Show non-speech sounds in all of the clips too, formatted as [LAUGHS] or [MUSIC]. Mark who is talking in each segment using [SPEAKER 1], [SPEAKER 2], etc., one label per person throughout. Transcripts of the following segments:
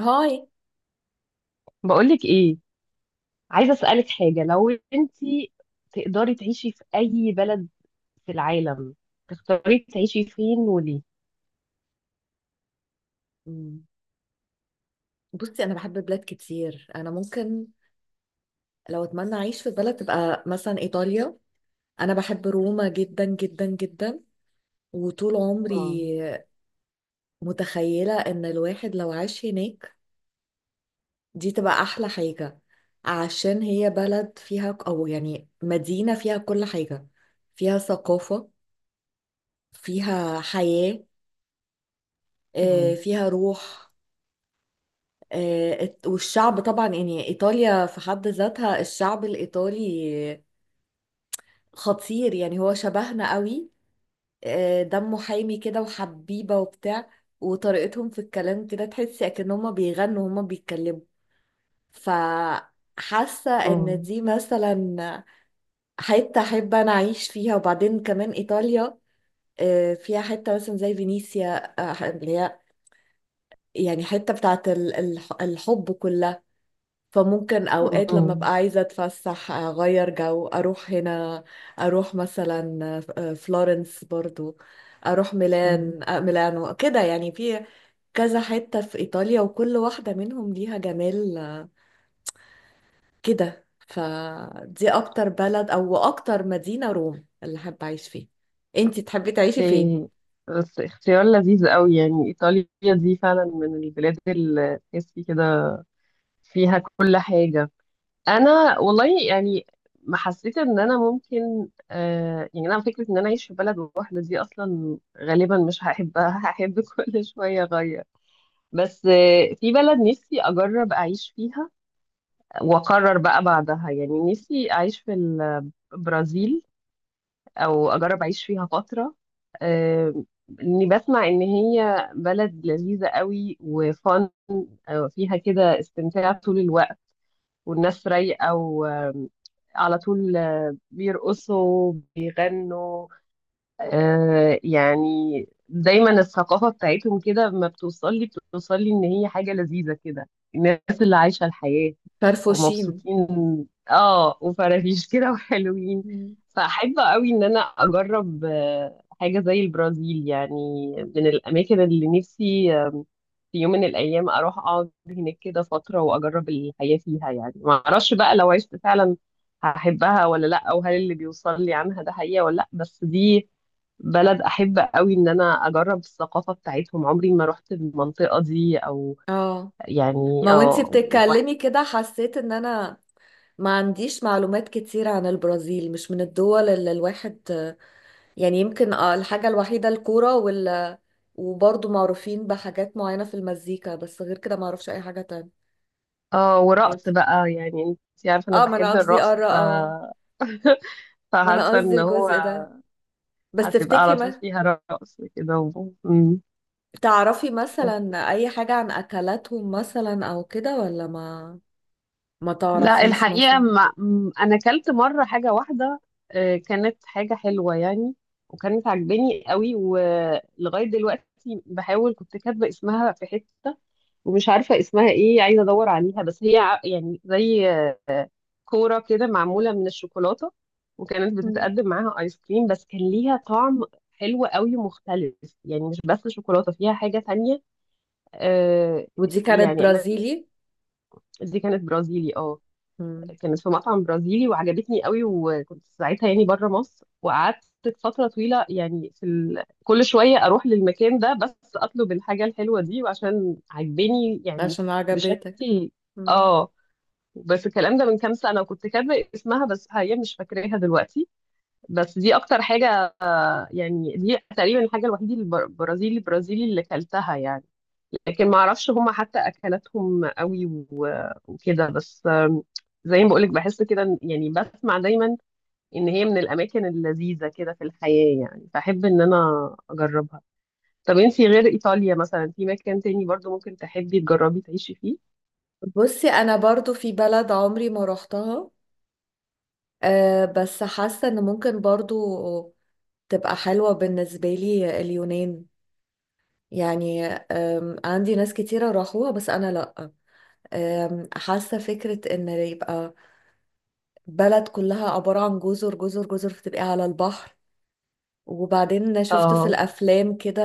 [SPEAKER 1] هاي.
[SPEAKER 2] بقولك ايه، عايزه اسالك حاجه. لو انتي تقدري تعيشي في اي بلد في العالم، تختاري تعيشي فين وليه؟
[SPEAKER 1] مم. بصي انا بحب بلاد كتير، انا ممكن لو اتمنى اعيش في بلد تبقى مثلا ايطاليا. انا بحب روما جدا جدا جدا، وطول عمري
[SPEAKER 2] مم.
[SPEAKER 1] متخيلة ان الواحد لو عاش هناك دي تبقى احلى حاجة، عشان هي بلد فيها ك- او يعني مدينة فيها كل حاجة، فيها ثقافة، فيها حياة، آه،
[SPEAKER 2] مم.
[SPEAKER 1] فيها روح. آه، والشعب طبعا، يعني ايطاليا في حد ذاتها الشعب الايطالي خطير، يعني هو شبهنا قوي. آه، دمه حامي كده وحبيبة وبتاع، وطريقتهم في الكلام كده تحسي اكن هما بيغنوا وهما بيتكلموا. فحاسة ان
[SPEAKER 2] مم.
[SPEAKER 1] دي مثلا حتة احب انا اعيش فيها. وبعدين كمان ايطاليا آه، فيها حتة مثلا زي فينيسيا، آه، اللي هي يعني حتة بتاعت الحب كلها. فممكن اوقات لما
[SPEAKER 2] مم.
[SPEAKER 1] ابقى عايزه اتفسح اغير جو اروح هنا، اروح مثلا آه، فلورنس، برضو اروح
[SPEAKER 2] مم.
[SPEAKER 1] ميلان، آه، ميلانو كده، يعني في كذا حته في ايطاليا وكل واحده منهم ليها جمال، آه، كده. فدي اكتر بلد او اكتر مدينه روم اللي حابه اعيش فيها. انتي تحبي تعيشي فين؟
[SPEAKER 2] إيه، بس اختيار لذيذ قوي يعني. إيطاليا دي فعلا من البلاد اللي تحسي كده فيها كل حاجة. أنا والله يعني ما حسيت إن أنا ممكن، يعني أنا فكرة إن أنا أعيش في بلد واحدة دي أصلا غالبا مش هحبها، هحب كل شوية أغير. بس في بلد نفسي اجرب اعيش فيها واقرر بقى بعدها، يعني نفسي اعيش في البرازيل، او اجرب اعيش فيها فترة. آه، اني بسمع ان هي بلد لذيذة قوي وفن، فيها كده استمتاع طول الوقت والناس رايقة على طول بيرقصوا بيغنوا. يعني دايما الثقافة بتاعتهم كده ما بتوصل لي، بتوصل لي ان هي حاجة لذيذة كده، الناس اللي عايشة الحياة
[SPEAKER 1] فرفوشين.
[SPEAKER 2] ومبسوطين. اه، وفرافيش [LAUGHS] كده وحلوين.
[SPEAKER 1] مم.
[SPEAKER 2] فأحب قوي ان انا اجرب حاجة زي البرازيل، يعني من الاماكن اللي نفسي، في يوم من الايام اروح اقعد هناك كده فترة واجرب الحياة فيها. يعني ما اعرفش بقى لو عشت فعلا هحبها ولا لا، او هل اللي بيوصل لي عنها ده حقيقة ولا لا. بس دي بلد احب قوي ان انا اجرب الثقافه بتاعتهم، عمري ما رحت المنطقه دي. او
[SPEAKER 1] اه، ما
[SPEAKER 2] يعني
[SPEAKER 1] وانتي بتتكلمي كده حسيت ان انا ما عنديش معلومات كتير عن البرازيل، مش من الدول اللي الواحد يعني، يمكن آه، الحاجة الوحيدة الكورة وال، وبرضه معروفين بحاجات معينة في المزيكا، بس غير كده معرفش أي حاجة تانية.
[SPEAKER 2] اه، ورقص بقى. يعني انت عارفه انا
[SPEAKER 1] اه، ما أنا
[SPEAKER 2] بحب
[SPEAKER 1] قصدي
[SPEAKER 2] الرقص
[SPEAKER 1] قارة. اه،
[SPEAKER 2] [LAUGHS]
[SPEAKER 1] ما أنا
[SPEAKER 2] فحاسه
[SPEAKER 1] قصدي
[SPEAKER 2] ان هو
[SPEAKER 1] الجزء ده. بس
[SPEAKER 2] هتبقى
[SPEAKER 1] تفتكري
[SPEAKER 2] على طول
[SPEAKER 1] ما
[SPEAKER 2] فيها رقص كده مم.
[SPEAKER 1] تعرفي مثلا أي حاجة عن أكلاتهم مثلا أو كده، ولا ما ما
[SPEAKER 2] لا،
[SPEAKER 1] تعرفيش
[SPEAKER 2] الحقيقة
[SPEAKER 1] مثلا؟
[SPEAKER 2] ما م- أنا أكلت مرة حاجة واحدة. كانت حاجة حلوة يعني، وكانت عجباني قوي، ولغاية دلوقتي بحاول. كنت كاتبة اسمها في حتة ومش عارفة اسمها ايه، عايزة ادور عليها. بس هي يعني زي كورة كده معمولة من الشوكولاتة. وكانت
[SPEAKER 1] مم.
[SPEAKER 2] بتتقدم معاها ايس كريم، بس كان ليها طعم حلو قوي مختلف. يعني مش بس شوكولاتة، فيها حاجة تانية. آه
[SPEAKER 1] ودي كانت
[SPEAKER 2] يعني انا،
[SPEAKER 1] برازيلي؟
[SPEAKER 2] دي كانت برازيلي، اه.
[SPEAKER 1] مم.
[SPEAKER 2] كانت في مطعم برازيلي وعجبتني قوي، وكنت ساعتها يعني بره مصر، وقعدت فترة طويلة يعني في كل شوية اروح للمكان ده بس اطلب الحاجة الحلوة دي، وعشان عجباني يعني
[SPEAKER 1] عشان عجبتك.
[SPEAKER 2] بشكل.
[SPEAKER 1] مم.
[SPEAKER 2] اه بس الكلام ده من كام سنة، وكنت كاتبة اسمها بس حاليا مش فاكراها دلوقتي. بس دي أكتر حاجة، يعني دي تقريبا الحاجة الوحيدة البرازيلي اللي كلتها يعني. لكن ما أعرفش هما حتى أكلاتهم قوي وكده بس. زي ما بقولك، بحس كده يعني بسمع دايما إن هي من الأماكن اللذيذة كده في الحياة، يعني فأحب إن أنا أجربها. طب أنتي غير إيطاليا، مثلا في مكان تاني برضو ممكن تحبي تجربي تعيشي فيه؟
[SPEAKER 1] بصي انا برضو في بلد عمري ما روحتها، أه، بس حاسه ان ممكن برضو تبقى حلوه بالنسبه لي، اليونان. يعني عندي ناس كتيره راحوها بس انا لا. حاسه فكره ان يبقى بلد كلها عباره عن جزر جزر جزر، فتبقى على البحر. وبعدين شفت في
[SPEAKER 2] اه،
[SPEAKER 1] الافلام كده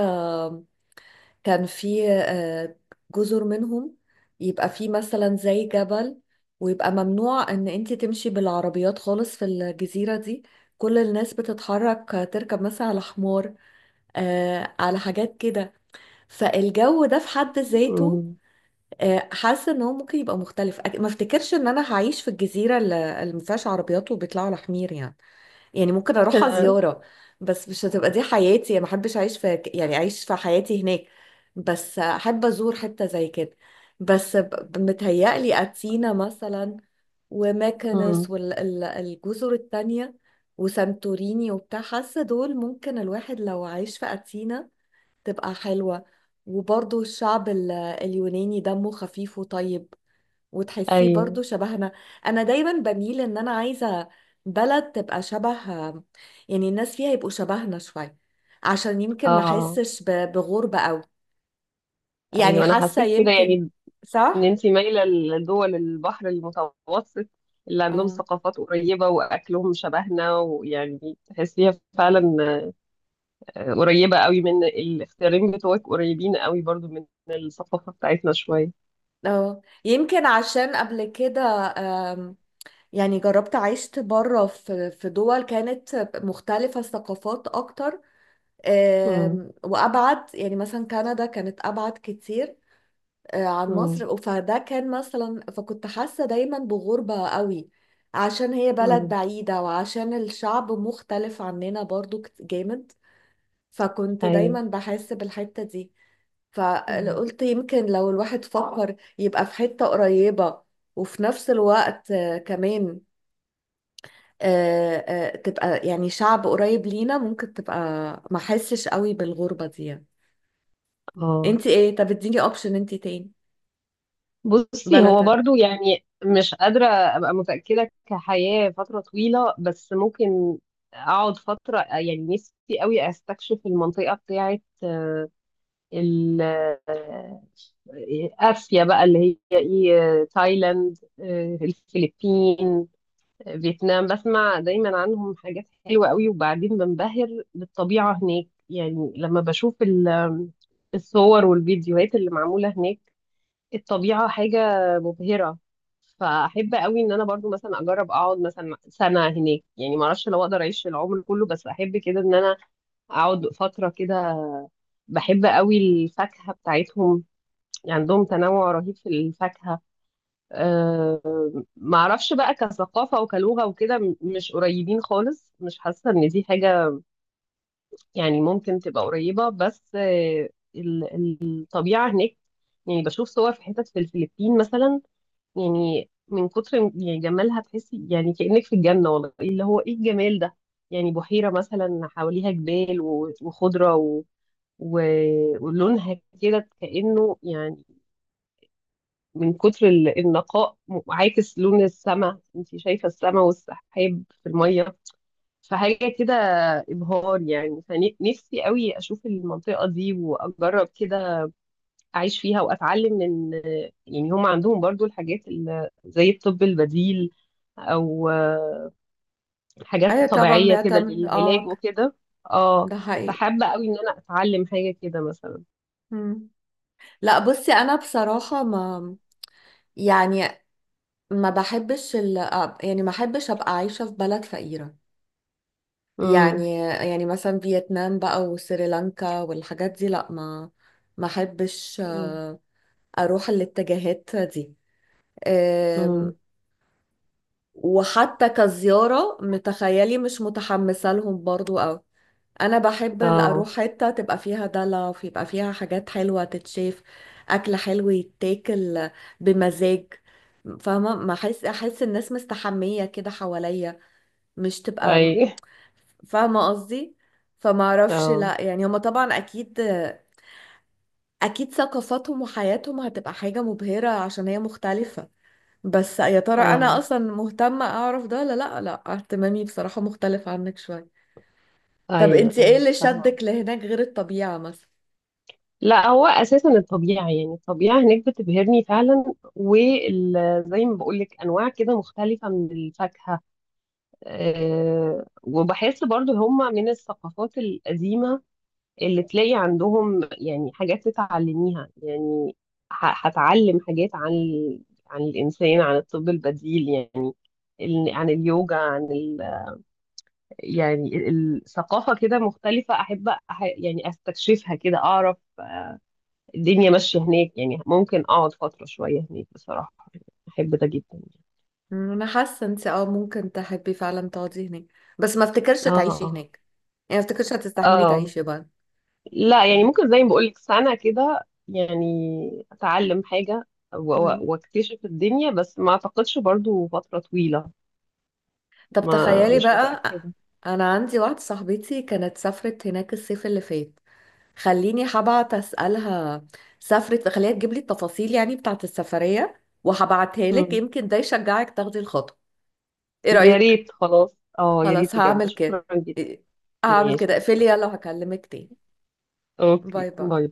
[SPEAKER 1] كان في آه، جزر منهم يبقى في مثلا زي جبل، ويبقى ممنوع ان انت تمشي بالعربيات خالص في الجزيرة دي، كل الناس بتتحرك آه، تركب مثلا على حمار، آه، على حاجات كده. فالجو ده في حد ذاته
[SPEAKER 2] أمم.
[SPEAKER 1] آه حاسة ان هو ممكن يبقى مختلف. ما افتكرش ان انا هعيش في الجزيرة اللي ما فيهاش عربيات وبيطلعوا على حمير يعني. يعني ممكن اروحها زيارة،
[SPEAKER 2] [LAUGHS]
[SPEAKER 1] بس مش هتبقى دي حياتي، ما احبش اعيش في، يعني اعيش في حياتي هناك. بس احب ازور حتة زي كده. بس متهيألي اتينا مثلا، وماكنس،
[SPEAKER 2] أمم.
[SPEAKER 1] والجزر التانية وسانتوريني وبتاع، حاسة دول ممكن الواحد لو عايش في أثينا تبقى حلوة. وبرضو الشعب اليوناني دمه خفيف وطيب، وتحسيه
[SPEAKER 2] ايوه،
[SPEAKER 1] برضو شبهنا. انا دايما بميل ان انا عايزة بلد تبقى شبه، يعني الناس فيها يبقوا شبهنا شوية، عشان يمكن ما
[SPEAKER 2] اه،
[SPEAKER 1] احسش بغربة قوي يعني.
[SPEAKER 2] ايوه، انا
[SPEAKER 1] حاسة
[SPEAKER 2] حسيت كده
[SPEAKER 1] يمكن.
[SPEAKER 2] يعني. ان
[SPEAKER 1] صح.
[SPEAKER 2] انت مايله لدول البحر المتوسط، اللي عندهم
[SPEAKER 1] اه.
[SPEAKER 2] ثقافات قريبه واكلهم شبهنا، ويعني تحسيها فعلا. قريبه قوي. من الاختيارين بتوعك، قريبين قوي برضو من الثقافه بتاعتنا شويه.
[SPEAKER 1] اه، يمكن عشان قبل كده آم، يعني جربت عشت بره في دول كانت مختلفة الثقافات اكتر.
[SPEAKER 2] امم،
[SPEAKER 1] وابعد، يعني مثلا كندا كانت ابعد كتير آه، عن
[SPEAKER 2] امم،
[SPEAKER 1] مصر، فده كان مثلا، فكنت حاسة دايما بغربة قوي عشان هي بلد
[SPEAKER 2] امم،
[SPEAKER 1] بعيدة وعشان الشعب مختلف عننا برضو، جامد. فكنت
[SPEAKER 2] ايوه،
[SPEAKER 1] دايما بحس بالحتة دي.
[SPEAKER 2] مم،
[SPEAKER 1] فقلت يمكن لو الواحد فكر يبقى في حتة قريبة، وفي نفس الوقت آه، كمان آه، آه، تبقى يعني شعب قريب لينا، ممكن تبقى ما حسش قوي بالغربة دي يعني.
[SPEAKER 2] اه.
[SPEAKER 1] انت ايه؟ طب اديني اوبشن انت تاني
[SPEAKER 2] بصي،
[SPEAKER 1] بلد
[SPEAKER 2] هو
[SPEAKER 1] تانية.
[SPEAKER 2] برضو يعني مش قادرة أبقى متأكدة كحياة فترة طويلة، بس ممكن أقعد فترة. يعني نفسي قوي أستكشف المنطقة بتاعة ال- آه، آسيا بقى، اللي هي إيه، تايلاند، الفلبين، فيتنام. بسمع دايما عنهم حاجات حلوة قوي، وبعدين بنبهر بالطبيعة هناك. يعني لما بشوف الصور والفيديوهات اللي معمولة هناك، الطبيعة حاجة مبهرة. فأحب قوي إن أنا برضو مثلا أجرب أقعد مثلا سنة هناك، يعني معرفش لو أقدر أعيش العمر كله، بس أحب كده إن أنا أقعد فترة كده. بحب قوي الفاكهة بتاعتهم، يعني عندهم تنوع رهيب في الفاكهة. معرفش بقى كثقافة وكلغة وكده، مش قريبين خالص، مش حاسة إن دي حاجة يعني ممكن تبقى قريبة. بس الطبيعة هناك. يعني بشوف صور في حتت في الفلبين مثلا، يعني من كتر يعني جمالها، تحسي يعني كأنك في الجنة والله، اللي هو ايه الجمال ده. يعني بحيرة مثلا حواليها جبال وخضرة و... ولونها كده كأنه، يعني من كتر النقاء، عاكس لون السماء، انت شايفة السماء والسحاب في المية. فحاجة كده إبهار يعني، فنفسي قوي أشوف المنطقة دي وأجرب كده اعيش فيها واتعلم من. يعني هم عندهم برضو الحاجات، زي الطب البديل، او
[SPEAKER 1] ايوه
[SPEAKER 2] حاجات
[SPEAKER 1] طبعا
[SPEAKER 2] طبيعية كده
[SPEAKER 1] بيعتمد،
[SPEAKER 2] للعلاج
[SPEAKER 1] اه،
[SPEAKER 2] وكده. اه،
[SPEAKER 1] ده حقيقي.
[SPEAKER 2] فحابة قوي ان انا اتعلم حاجة كده مثلا.
[SPEAKER 1] مم. لا بصي انا بصراحة ما، يعني ما بحبش ال... يعني ما بحبش ابقى عايشة في بلد فقيرة،
[SPEAKER 2] امم،
[SPEAKER 1] يعني يعني مثلا فيتنام بقى وسريلانكا والحاجات دي، لا، ما ما احبش
[SPEAKER 2] امم،
[SPEAKER 1] آه، اروح الاتجاهات دي.
[SPEAKER 2] أمم،
[SPEAKER 1] آم، وحتى كزيارة متخيلي مش متحمسة لهم برضو، او انا بحب اروح
[SPEAKER 2] اه،
[SPEAKER 1] حته تبقى فيها دلع ويبقى فيها حاجات حلوه تتشاف، اكل حلو يتاكل بمزاج، فاهمه؟ ما احس الناس مستحميه كده حواليا، مش تبقى،
[SPEAKER 2] اي،
[SPEAKER 1] فاهمه قصدي؟ فما اعرفش،
[SPEAKER 2] اه،
[SPEAKER 1] لا يعني هما طبعا اكيد، اكيد ثقافاتهم وحياتهم هتبقى حاجه مبهره عشان هي مختلفه، بس يا ترى انا
[SPEAKER 2] اه،
[SPEAKER 1] اصلا مهتمه اعرف ده ولا لا؟ لا، اهتمامي بصراحه مختلف عنك شويه. طب
[SPEAKER 2] ايوه،
[SPEAKER 1] انت ايه
[SPEAKER 2] ايوه،
[SPEAKER 1] اللي شدك
[SPEAKER 2] فاهمة.
[SPEAKER 1] لهناك غير الطبيعه مثلا؟
[SPEAKER 2] لا، هو اساسا الطبيعه، يعني الطبيعه هناك بتبهرني فعلا، وزي ما بقول لك انواع كده مختلفه من الفاكهه. وبحس برضو هما من الثقافات القديمة، اللي تلاقي عندهم يعني حاجات تتعلميها. يعني هتعلم حاجات عن عن الإنسان، عن الطب البديل، يعني عن اليوجا، عن يعني الثقافة كده مختلفة. أحب يعني أستكشفها كده، أعرف الدنيا ماشية هناك يعني. ممكن أقعد فترة شوية هناك بصراحة، أحب ده جدا.
[SPEAKER 1] انا حاسه انت اه ممكن تحبي فعلا تقعدي هناك، بس ما افتكرش تعيشي
[SPEAKER 2] اه،
[SPEAKER 1] هناك، يعني ما افتكرش هتستحملي
[SPEAKER 2] اه،
[SPEAKER 1] تعيشي بقى.
[SPEAKER 2] لا يعني
[SPEAKER 1] آه.
[SPEAKER 2] ممكن زي ما بقولك سنة كده يعني أتعلم حاجة
[SPEAKER 1] مم.
[SPEAKER 2] واكتشف الدنيا، بس ما أعتقدش برضو فترة طويلة.
[SPEAKER 1] طب
[SPEAKER 2] ما،
[SPEAKER 1] تخيلي
[SPEAKER 2] مش
[SPEAKER 1] بقى،
[SPEAKER 2] متأكدة.
[SPEAKER 1] انا عندي واحده صاحبتي كانت سافرت هناك الصيف اللي فات، خليني هبعت اسالها، سافرت خليها تجيب لي التفاصيل يعني بتاعه السفريه، وهبعتها لك
[SPEAKER 2] مم.
[SPEAKER 1] يمكن ده يشجعك تاخدي الخطوه. ايه
[SPEAKER 2] يا
[SPEAKER 1] رايك؟
[SPEAKER 2] ريت، خلاص، اه، يا
[SPEAKER 1] خلاص
[SPEAKER 2] ريت بجد،
[SPEAKER 1] هعمل
[SPEAKER 2] شكرا
[SPEAKER 1] كده.
[SPEAKER 2] جدا.
[SPEAKER 1] إيه، هعمل كده،
[SPEAKER 2] ماشي،
[SPEAKER 1] اقفلي يلا وهكلمك تاني. باي
[SPEAKER 2] اوكي،
[SPEAKER 1] باي.
[SPEAKER 2] باي.